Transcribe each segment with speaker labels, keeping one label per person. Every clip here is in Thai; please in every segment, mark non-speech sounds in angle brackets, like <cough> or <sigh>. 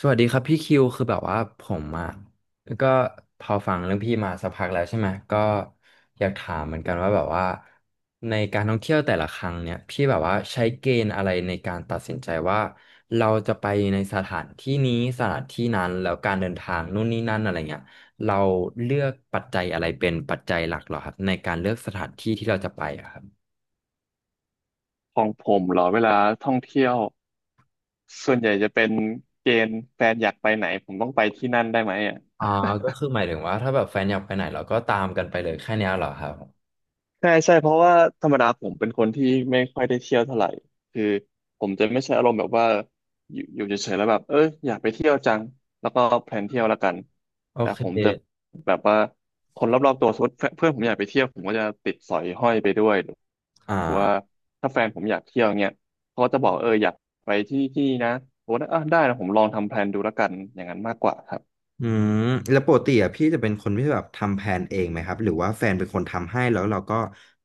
Speaker 1: สวัสดีครับพี่คิวคือแบบว่าผมอ่ะก็พอฟังเรื่องพี่มาสักพักแล้วใช่ไหมก็อยากถามเหมือนกันว่าแบบว่าในการท่องเที่ยวแต่ละครั้งเนี่ยพี่แบบว่าใช้เกณฑ์อะไรในการตัดสินใจว่าเราจะไปในสถานที่นี้สถานที่นั้นแล้วการเดินทางนู่นนี่นั่นอะไรเงี้ยเราเลือกปัจจัยอะไรเป็นปัจจัยหลักเหรอครับในการเลือกสถานที่ที่เราจะไปอะครับ
Speaker 2: ของผมเหรอเวลาท่องเที่ยวส่วนใหญ่จะเป็นเกณฑ์แฟนอยากไปไหนผมต้องไปที่นั่นได้ไหมอ่ะ
Speaker 1: อ่าก็คือหมายถึงว่าถ้าแบบแฟนอยากไปไหนเราก็ตามกันไปเลยแค่เนี้ยเหรอครับ
Speaker 2: ใช่ใช่เพราะว่าธรรมดาผมเป็นคนที่ไม่ค่อยได้เที่ยวเท่าไหร่คือผมจะไม่ใช่อารมณ์แบบว่าอยู่เฉยๆแล้วแบบเอ้ยอยากไปเที่ยวจังแล้วก็แพลนเที่ยวแล้วกัน
Speaker 1: โอ
Speaker 2: แต่
Speaker 1: เค
Speaker 2: ผมจะแบบว่าคนรอบๆตัวสมมติเพื่อนผมอยากไปเที่ยวผมก็จะติดสอยห้อยไปด้วย
Speaker 1: อ่
Speaker 2: ว่า
Speaker 1: า
Speaker 2: ถ้าแฟนผมอยากเที่ยวเงี้ยเขาก็จะบอกเอออยากไปที่ที่นะผมว่าเออได้นะผมลองทำแพลนดูแล้วกันอย่างนั้นมากกว่าครับ
Speaker 1: อืมแล้วปกติอ่ะพี่จะเป็นคนที่แบบทำแผนเองไหมครับหรือว่าแฟนเป็นคนทำให้แล้วเราก็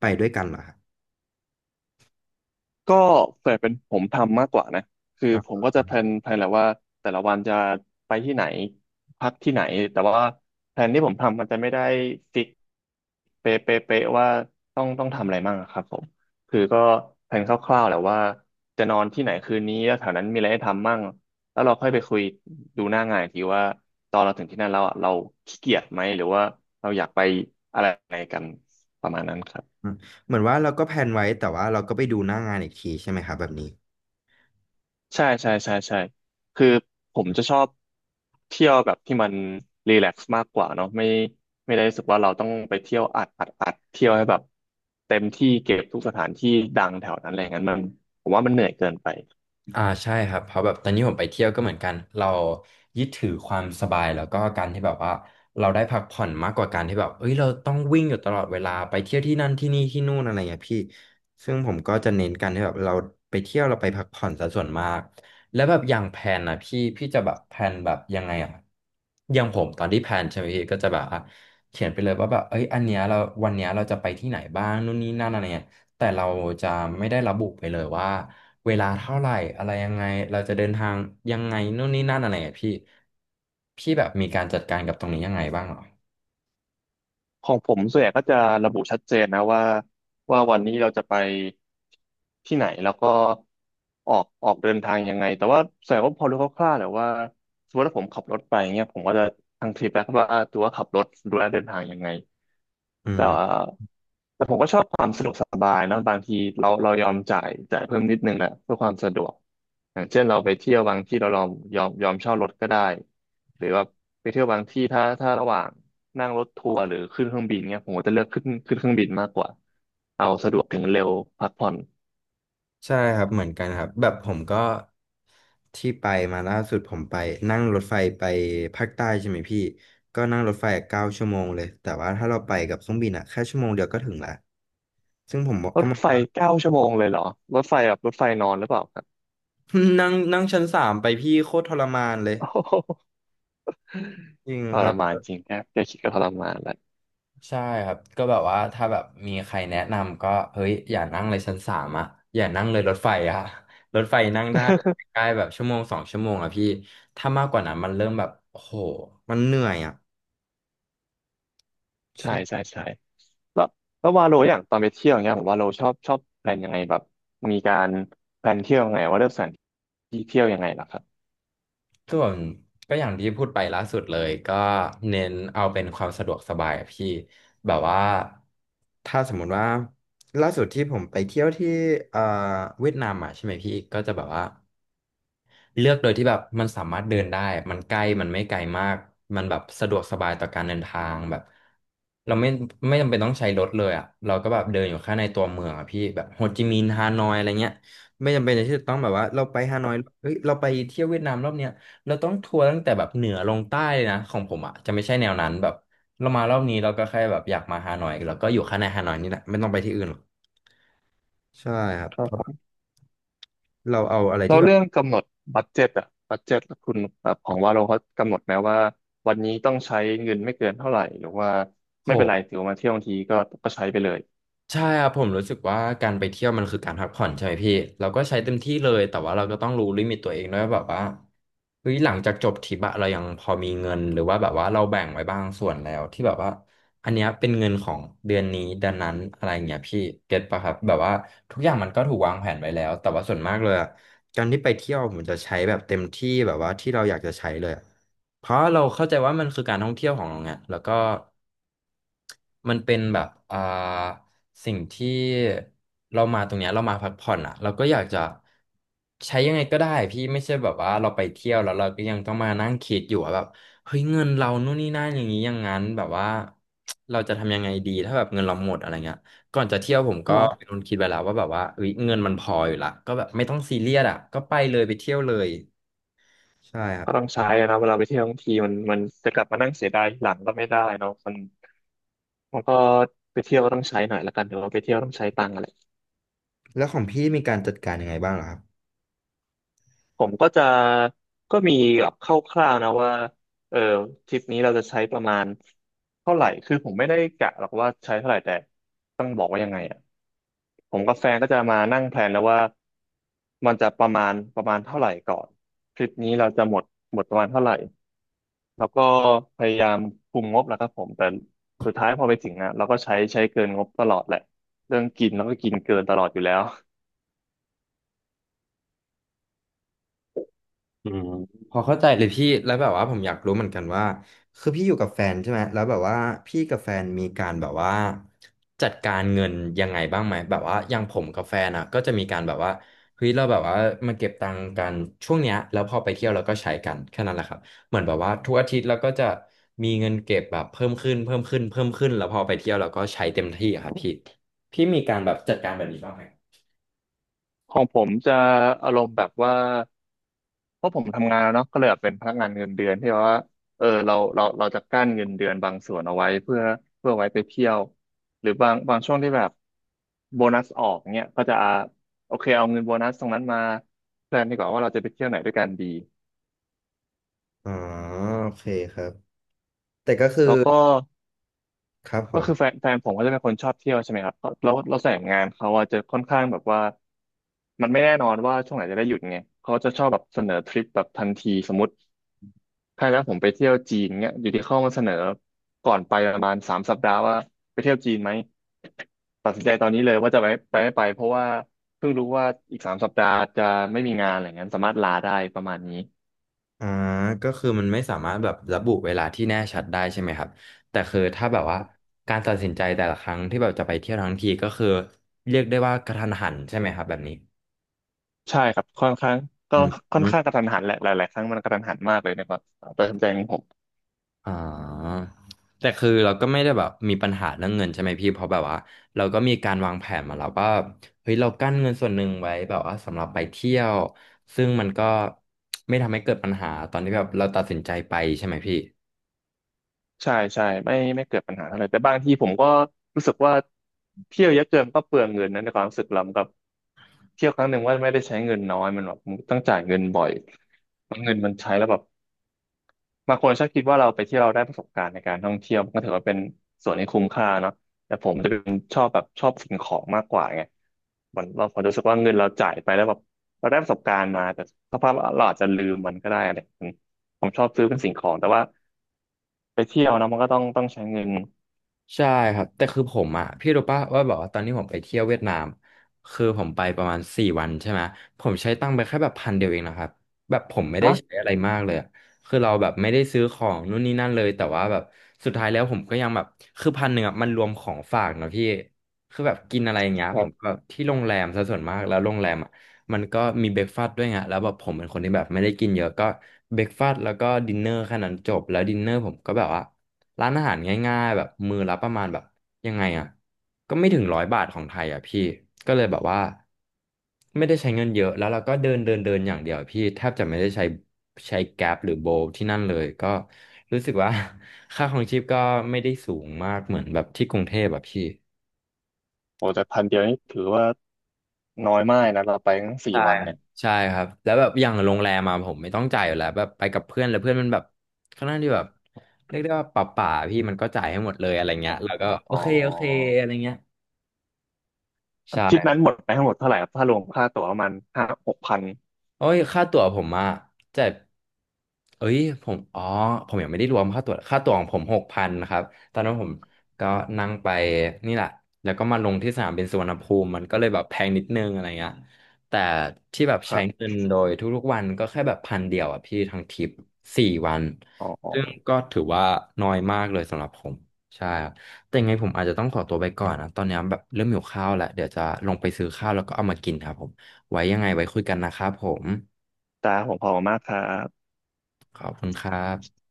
Speaker 1: ไปด้วยกันเหรอครับ
Speaker 2: ก็เปิดเป็นผมทำมากกว่านะคือ
Speaker 1: ครั
Speaker 2: ผม
Speaker 1: บ
Speaker 2: ก็จะแพลนแหละว่าแต่ละวันจะไปที่ไหนพักที่ไหนแต่ว่าแพลนที่ผมทำมันจะไม่ได้ฟิกเป๊ะเป๊ะเป๊ะว่าต้องทำอะไรบ้างอะครับผมคือก็แพลนคร่าวๆแหละว่าจะนอนที่ไหนคืนนี้แล้วแถวนั้นมีอะไรให้ทำมั่งแล้วเราค่อยไปคุยดูหน้างานอีกทีว่าตอนเราถึงที่นั่นแล้วอะเราขี้เกียจไหมหรือว่าเราอยากไปอะไรไหนกันประมาณนั้นครับ
Speaker 1: อืมเหมือนว่าเราก็แผนไว้แต่ว่าเราก็ไปดูหน้างานอีกทีใช่ไหมครับแบบนี้
Speaker 2: ใช่ใช่ใช่ใช่คือผมจะชอบเที่ยวแบบที่มันรีแลกซ์มากกว่าเนาะไม่ไม่ได้รู้สึกว่าเราต้องไปเที่ยวอัดอัดอัดเที่ยวให้แบบเต็มที่เก็บทุกสถานที่ดังแถวนั้นอะไรอย่างนั้นมันผมว่ามันเหนื่อยเกินไป
Speaker 1: อ่าใช่ครับเพราะแบบตอนนี้ผมไปเที่ยวก็เหมือนกันเรายึดถือความสบายแล้วก็การที่แบบว่าเราได้พักผ่อนมากกว่าการที่แบบเอ้ยเราต้องวิ่งอยู่ตลอดเวลาไปเที่ยวที่นั่นที่นี่ที่นู่นอะไรเงี้ยพี่ซึ่งผมก็จะเน้นกันที่แบบเราไปเที่ยวเราไปพักผ่อนซะส่วนมากแล้วแบบอย่างแพนนอ่ะพี่จะแบบแพนแบบยังไงอ่ะอย่างผมตอนที่แพนใช่ไหมพี่ก็จะแบบอ่ะเขียนไปเลยว่าแบบเอ้ยอันเนี้ยเราวันเนี้ยเราจะไปที่ไหนบ้างนู่นนี่นั่นอะไรเงี้ย แต่เราจะไม่ได้ระบุไปเลยว่าเวลาเท่าไหร่อะไรยังไงเราจะเดินทางยังไงนู่นนี่นั่นอะไรอะพี่พี่แบบมีการจัดการกับตรงนี้ยังไงบ้างเหรอ
Speaker 2: ของผมส่วนใหญ่ก็จะระบุชัดเจนนะว่าว่าวันนี้เราจะไปที่ไหนแล้วก็ออกเดินทางยังไงแต่ว่าส่วนใหญ่ก็พอรู้คร่าวๆแหละว่าสมมติว่าผมขับรถไปเงี้ยผมก็จะทางทริปแล้วว่าตัวว่าขับรถดูแลเดินทางยังไง
Speaker 1: อื
Speaker 2: แต่
Speaker 1: ม
Speaker 2: ว่าแต่ผมก็ชอบความสะดวกสบายนะบางทีเรายอมจ่ายเพิ่มนิดนึงแหละเพื่อความสะดวกอย่างเช่นเราไปเที่ยวบางที่เรายอมเช่ารถก็ได้หรือว่าไปเที่ยวบางที่ถ้าระหว่าง นั่งรถทัวร์หรือขึ้นเครื่องบินเงี้ยผมก็จะเลือกขึ้นเครื่องบินมากกว่าเอาสะดวกถึงเร็วพักผ่อน
Speaker 1: ใช่ครับเหมือนกันครับแบบผมก็ที่ไปมาล่าสุดผมไปนั่งรถไฟไปภาคใต้ใช่ไหมพี่ก็นั่งรถไฟ9 ชั่วโมงเลยแต่ว่าถ้าเราไปกับเครื่องบินอะแค่ชั่วโมงเดียวก็ถึงละซึ่งผมบอก
Speaker 2: ร
Speaker 1: ก็
Speaker 2: ถไฟ
Speaker 1: มา
Speaker 2: 9 ชั่วโมงเลยเหรอรถไฟแบบรถไฟนอนหรือเปล่าครับ
Speaker 1: <laughs> นั่งนั่งชั้น 3ไปพี่โคตรทรมานเลย
Speaker 2: โอ้โห
Speaker 1: จริง
Speaker 2: <laughs> ท
Speaker 1: ค
Speaker 2: ร
Speaker 1: รับ
Speaker 2: มานจริงนะแค่คิดก็ทรมานแล้ว
Speaker 1: ใช่ครับก็แบบว่าถ้าแบบมีใครแนะนำก็เฮ้ยอย่านั่งเลยชั้นสามอะอย่านั่งเลยรถไฟอะ <laughs> รถไฟนั่งได้แบบใกล้
Speaker 2: <laughs>
Speaker 1: ๆแบบชั่วโมง 2 ชั่วโมงอะพี่ถ้ามากกว่านั้นมันเริ่มแบบโอ้โหมันเหนื่อยอะ
Speaker 2: ใช่ใช่
Speaker 1: ใช่
Speaker 2: ใช่แล้วแล้ววาโลอย่างตอนไปเที่ยวเงี้ยผมว่าโลชอบแพลนยังไงแบบมีการแพลนเที่ยวยังไงว่าเลือกสถานที่เที่ยวยังไงล่ะคร
Speaker 1: ส่วนก็อย่างที่พูดไปล่าสุดเลยก็เน้นเอาเป็นความสะดวกสบายอะพี่แบบว่าถ้าสมมุติว่าล่าสุดที่ผมไปเที่ยวที่เอ่อเวียดนามอะใช่ไหมพี่ก็จะแบบว่า เลือกโดยที่แบบมันสามารถเดินได้ มันใกล้มันไม่ไกลมากมันแบบสะดวกสบายต่อการเดินทางแบบเราไม่จำเป็นต้องใช้รถเลยอ่ะเราก็แบบเดินอยู่แค่ในตัวเมืองอ่ะพี่แบบโฮจิมินห์ฮานอยอะไรเงี้ยไม่จำเป็นที่จะต้องแบบว่าเราไปฮานอยเฮ้ยเราไปเที่ยวเวียดนามรอบเนี้ยเราต้องทัวร์ตั้งแต่แบบเหนือลงใต้เลยนะของผมอ่ะจะไม่ใช่แนวนั้นแบบเรามารอบนี้เราก็แค่แบบอยากมาฮานอยเราก็อยู่แค่ในฮานอยนี่แหละไม่ต้องไปที่อื่นหรอกใช่ครับเพราะ
Speaker 2: ับ
Speaker 1: เราเอาอะไร
Speaker 2: แล้
Speaker 1: ที่
Speaker 2: ว
Speaker 1: แบบ
Speaker 2: เรื่องกำหนดบัดเจ็ตอะบัดเจ็ตคุณแบบของว่าเราเขากำหนดไหมว่าวันนี้ต้องใช้เงินไม่เกินเท่าไหร่หรือว่าไม่เป็น
Speaker 1: โห
Speaker 2: ไรถือว่ามาเที่ยวทั้งทีก็ใช้ไปเลย
Speaker 1: ใช่ครับผมรู้สึกว่าการไปเที่ยวมันคือการพักผ่อนใช่ไหมพี่เราก็ใช้เต็มที่เลยแต่ว่าเราก็ต้องรู้ลิมิตตัวเองด้วยว่าแบบว่าเฮ้ยหลังจากจบทริปอะเรายังพอมีเงินหรือว่าแบบว่าเราแบ่งไว้บางส่วนแล้วที่แบบว่าอันเนี้ยเป็นเงินของเดือนนี้เดือนนั้นอะไรอย่างเงี้ยพี่เก็ตปะครับแบบว่าทุกอย่างมันก็ถูกวางแผนไว้แล้วแต่ว่าส่วนมากเลยอะการที่ไปเที่ยวผมจะใช้แบบเต็มที่แบบว่าที่เราอยากจะใช้เลยอะเพราะเราเข้าใจว่ามันคือการท่องเที่ยวของเราไงแล้วก็มันเป็นแบบสิ่งที่เรามาตรงเนี้ยเรามาพักผ่อนอ่ะเราก็อยากจะใช้ยังไงก็ได้พี่ไม่ใช่แบบว่าเราไปเที่ยวแล้วเราก็ยังต้องมานั่งคิดอยู่ว่าแบบเฮ้ยเงินเรานู่นนี่นั่นอย่างนี้อย่างนั้นแบบว่าเราจะทำยังไงดีถ้าแบบเงินเราหมดอะไรเงี้ยก่อนจะเที่ยวผมก็
Speaker 2: เนาะ
Speaker 1: เป็นคนคิดไว้แล้วว่าแบบว่าเฮ้ยเงินมันพออยู่ละก็แบบไม่ต้องซีเรียสอ่ะก็ไปเลยไปเที่ยวเลยใช่ครับ
Speaker 2: ก็ต้องใช้อะนะเวลาไปเที่ยวทั้งทีมันจะกลับมานั่งเสียดายหลังก็ไม่ได้เนาะมันก็ไปเที่ยวก็ต้องใช้หน่อยละกันหือว่าไปเที่ยวต้องใช้ตังค์อะไร
Speaker 1: แล้วของพี่มีการจัดการยังไงบ้างเหรอครับ
Speaker 2: ผมก็จะก็มีแบบคร่าวๆนะว่าเออทริปนี้เราจะใช้ประมาณเท่าไหร่คือผมไม่ได้กะหรอกว่าใช้เท่าไหร่แต่ต้องบอกว่ายังไงอะ ผมกับแฟนก็จะมานั่งแพลนแล้วว่ามันจะประมาณเท่าไหร่ก่อนทริปนี้เราจะหมดประมาณเท่าไหร่แล้วก็พยายามคุมงบแหละครับผมแต่สุดท้ายพอไปถึงอ่ะเราก็ใช้เกินงบตลอดแหละเรื่องกินแล้วก็กินเกินตลอดอยู่แล้ว
Speaker 1: อืมพอเข้าใจเลยพี่แล้วแบบว่าผมอยากรู้เหมือนกันว่าคือพี่อยู่กับแฟนใช่ไหมแล้วแบบว่าพี่กับแฟนมีการแบบว่าจัดการเงินยังไงบ้างไหมแบบว่าอย่างผมกับแฟนอ่ะก็จะมีการแบบว่าเฮ้ยเราแบบว่ามาเก็บตังค์กันช่วงเนี้ยแล้วพอไปเที่ยวเราก็ใช้กันแค่นั้นแหละครับเหมือนแบบว่าทุกอาทิตย์เราก็จะมีเงินเก็บแบบเพิ่มขึ้นเพิ่มขึ้นเพิ่มขึ้นแล้วพอไปเที่ยวเราก็ใช้เต็มที่อะครับพี่พี่มีการแบบจัดการแบบนี้บ้างไหม
Speaker 2: ของผมจะอารมณ์แบบว่า เพราะผมทำงานแล้วเนาะก็เลยแบบเป็นพนักงานเงินเดือนที่ว่าเออเราจะกั้นเงินเดือนบางส่วนเอาไว้เพื่อไว้ไปเที่ยวหรือบางช่วงที่แบบโบนัสออกเนี่ยก็จะโอเคเอาเงินโบนัสตรงนั้นมาแพลนดีกว่าว่าเราจะไปเที่ยวไหนด้วยกันดี
Speaker 1: อ๋อโอเคครับแต่ก็คือ
Speaker 2: แล้วก็
Speaker 1: ครับผ
Speaker 2: ก็
Speaker 1: ม
Speaker 2: คือแฟนผมก็จะเป็นคนชอบเที่ยวใช่ไหมครับก็แล้วเราแต่งงานเขาอะจะค่อนข้างแบบว่ามันไม่แน่นอนว่าช่วงไหนจะได้หยุดไงเขาจะชอบแบบเสนอทริปแบบทันทีสมมติ ใช่แล้วผมไปเที่ยวจีนเนี่ยอยู่ที่เข้ามาเสนอก่อนไปประมาณสามสัปดาห์ว่าไปเที่ยวจีนไหมตัดสินใจตอนนี้เลยว่าจะไปไม่ไปเพราะว่าเพิ่งรู้ว่าอีกสามสัปดาห์จะไม่มีงานอะไรเงี้ยสามารถลาได้ประมาณนี้
Speaker 1: อ่าก็คือมันไม่สามารถแบบระบุเวลาที่แน่ชัดได้ใช่ไหมครับ แต่คือถ้าแบบว่าการตัดสินใจแต่ละครั้งที่แบบจะไปเที่ยวทั้งทีก็คือเรียกได้ว่ากระทันหันใช่ไหมครับแบบนี้
Speaker 2: ใช่ครับค่อนข้างก็
Speaker 1: อืมอ
Speaker 2: ค่อน
Speaker 1: ม
Speaker 2: ข้างกระทันหันแหละหลายๆครั้งมันกระทันหันมากเลยนะครับตัดสินใจของผม
Speaker 1: อ๋อแต่คือเราก็ไม่ได้แบบมีปัญหาเรื่องเงินใช่ไหมพี่ เพราะแบบว่าเราก็มีการวางแผนมาแล้วว่าเฮ้ยเรากั้นเงินส่วนหนึ่งไว้แบบว่าสำหรับไปเที่ยวซึ่งมันก็ไม่ทำให้เกิดปัญหาตอนที่แบบเราตัดสินใจไปใช่ไหมพี่
Speaker 2: ใช่ใช่ไม่เกิดปัญหาเท่าไหร่แต่บางทีผมก็รู้สึกว่าเที่ยวเยอะเกินก็เปลืองเงินนะในความรู้สึกเรากับเที่ยวครั้งหนึ่งว่าไม่ได้ใช้เงินน้อยมันแบบมันต้องจ่ายเงินบ่อยมันเงินมันใช้แล้วแบบบางคนชอบคิดว่าเราไปเที่ยวเราได้ประสบการณ์ในการท่องเที่ยวมันก็ถือว่าเป็นส่วนที่คุ้มค่าเนาะแต่ผมจะเป็นชอบแบบชอบสิ่งของมากกว่าไงมันเราผมรู้สึกว่าเงินเราจ่ายไปแล้วแบบเราได้ประสบการณ์มาแต่สภาพเราอาจจะลืมมันก็ได้อะไรอย่างนี้ผมชอบซื้อเป็นสิ่งของแต่ว่าไปเที่ยวนะมันก็ต้องใช้เงิน
Speaker 1: ใช่ครับแต่คือผมอ่ะพี่รู้ป่ะว่าแบบว่าตอนนี้ผมไปเที่ยวเวียดนามคือผมไปประมาณสี่วันใช่ไหมผมใช้ตังค์ไปแค่แบบพันเดียวเองนะครับแบบผมไม่ได้
Speaker 2: ฮะ
Speaker 1: ใช้อะไรมากเลยอะคือเราแบบไม่ได้ซื้อของนู่นนี่นั่นเลยแต่ว่าแบบสุดท้ายแล้วผมก็ยังแบบคือพันหนึ่งอ่ะมันรวมของฝากเนอะพี่คือแบบกินอะไรอย่างเงี้ย
Speaker 2: แบ
Speaker 1: ผ
Speaker 2: บ
Speaker 1: มก็ที่โรงแรมซะส่วนมากแล้วโรงแรมอ่ะมันก็มีเบรกฟาสต์ด้วยไงแล้วแบบผมเป็นคนที่แบบไม่ได้กินเยอะก็เบรกฟาสต์แล้วก็ดินเนอร์แค่นั้นจบแล้วดินเนอร์ผมก็แบบว่า ร้านอาหารง่ายๆแบบมือละประมาณแบบยังไงอ่ะก็ไม่ถึงร้อยบาทของไทยอ่ะพี่ก็เลยแบบว่าไม่ได้ใช้เงินเยอะแล้วเราก็เดินเดินเดินอย่างเดียวพี่แทบจะไม่ได้ใช้ใช้แกร็บหรือโบลที่นั่นเลยก็รู้สึกว่า <laughs> ค่าครองชีพก็ไม่ได้สูงมากเหมือนแบบที่กรุงเทพแบบพี่
Speaker 2: โอ้แต่พันเดียวนี่ถือว่าน้อยมากนะเราไปทั้งสี่
Speaker 1: ใช่
Speaker 2: วัน
Speaker 1: ครับ
Speaker 2: เนี่ย
Speaker 1: ใช่ครับแล้วแบบอย่างโรงแรมมาผมไม่ต้องจ่ายอยู่แล้วแบบไปกับเพื่อนแล้วเพื่อนมันแบบค่อนข้างที่แบบเรียกได้ว่าป่าพี่มันก็จ่ายให้หมดเลยอะไรเงี้ยแล้วก็โอ
Speaker 2: อ๋อ
Speaker 1: เคโอเคอะไรเงี้ย
Speaker 2: ทริป
Speaker 1: ใช่
Speaker 2: นั้นหมดไปทั้งหมดเท่าไหร่ครับถ้ารวมค่าตั๋วประมาณ5-6 พัน
Speaker 1: โอ้ยค่าตั๋วผมอะจ่ายเอ้ยผมอ๋อผมยังไม่ได้รวมค่าตั๋วค่าตั๋วของผมหกพันครับตอนนั้นผมก็นั่งไปนี่แหละแล้วก็มาลงที่สนามบินสุวรรณภูมิมันก็เลยแบบแพงนิดนึงอะไรเงี้ยแต่ที่แบบ
Speaker 2: ค
Speaker 1: ใช้
Speaker 2: รับ
Speaker 1: เงินโดยทุกๆวันก็แค่แบบพันเดียวอะพี่ทั้งทริปสี่วัน
Speaker 2: อ๋อ
Speaker 1: ซึ่งก็ถือว่าน้อยมากเลยสำหรับผมใช่ครับแต่ยังไงผมอาจจะต้องขอตัวไปก่อนนะตอนนี้แบบเริ่มหิวข้าวแล้วเดี๋ยวจะลงไปซื้อข้าวแล้วก็เอามากินครับผม ไว้ยังไงไว้คุยกันนะครับผม
Speaker 2: แต่ผมขอบคุณมากครับ
Speaker 1: ขอบคุณครับ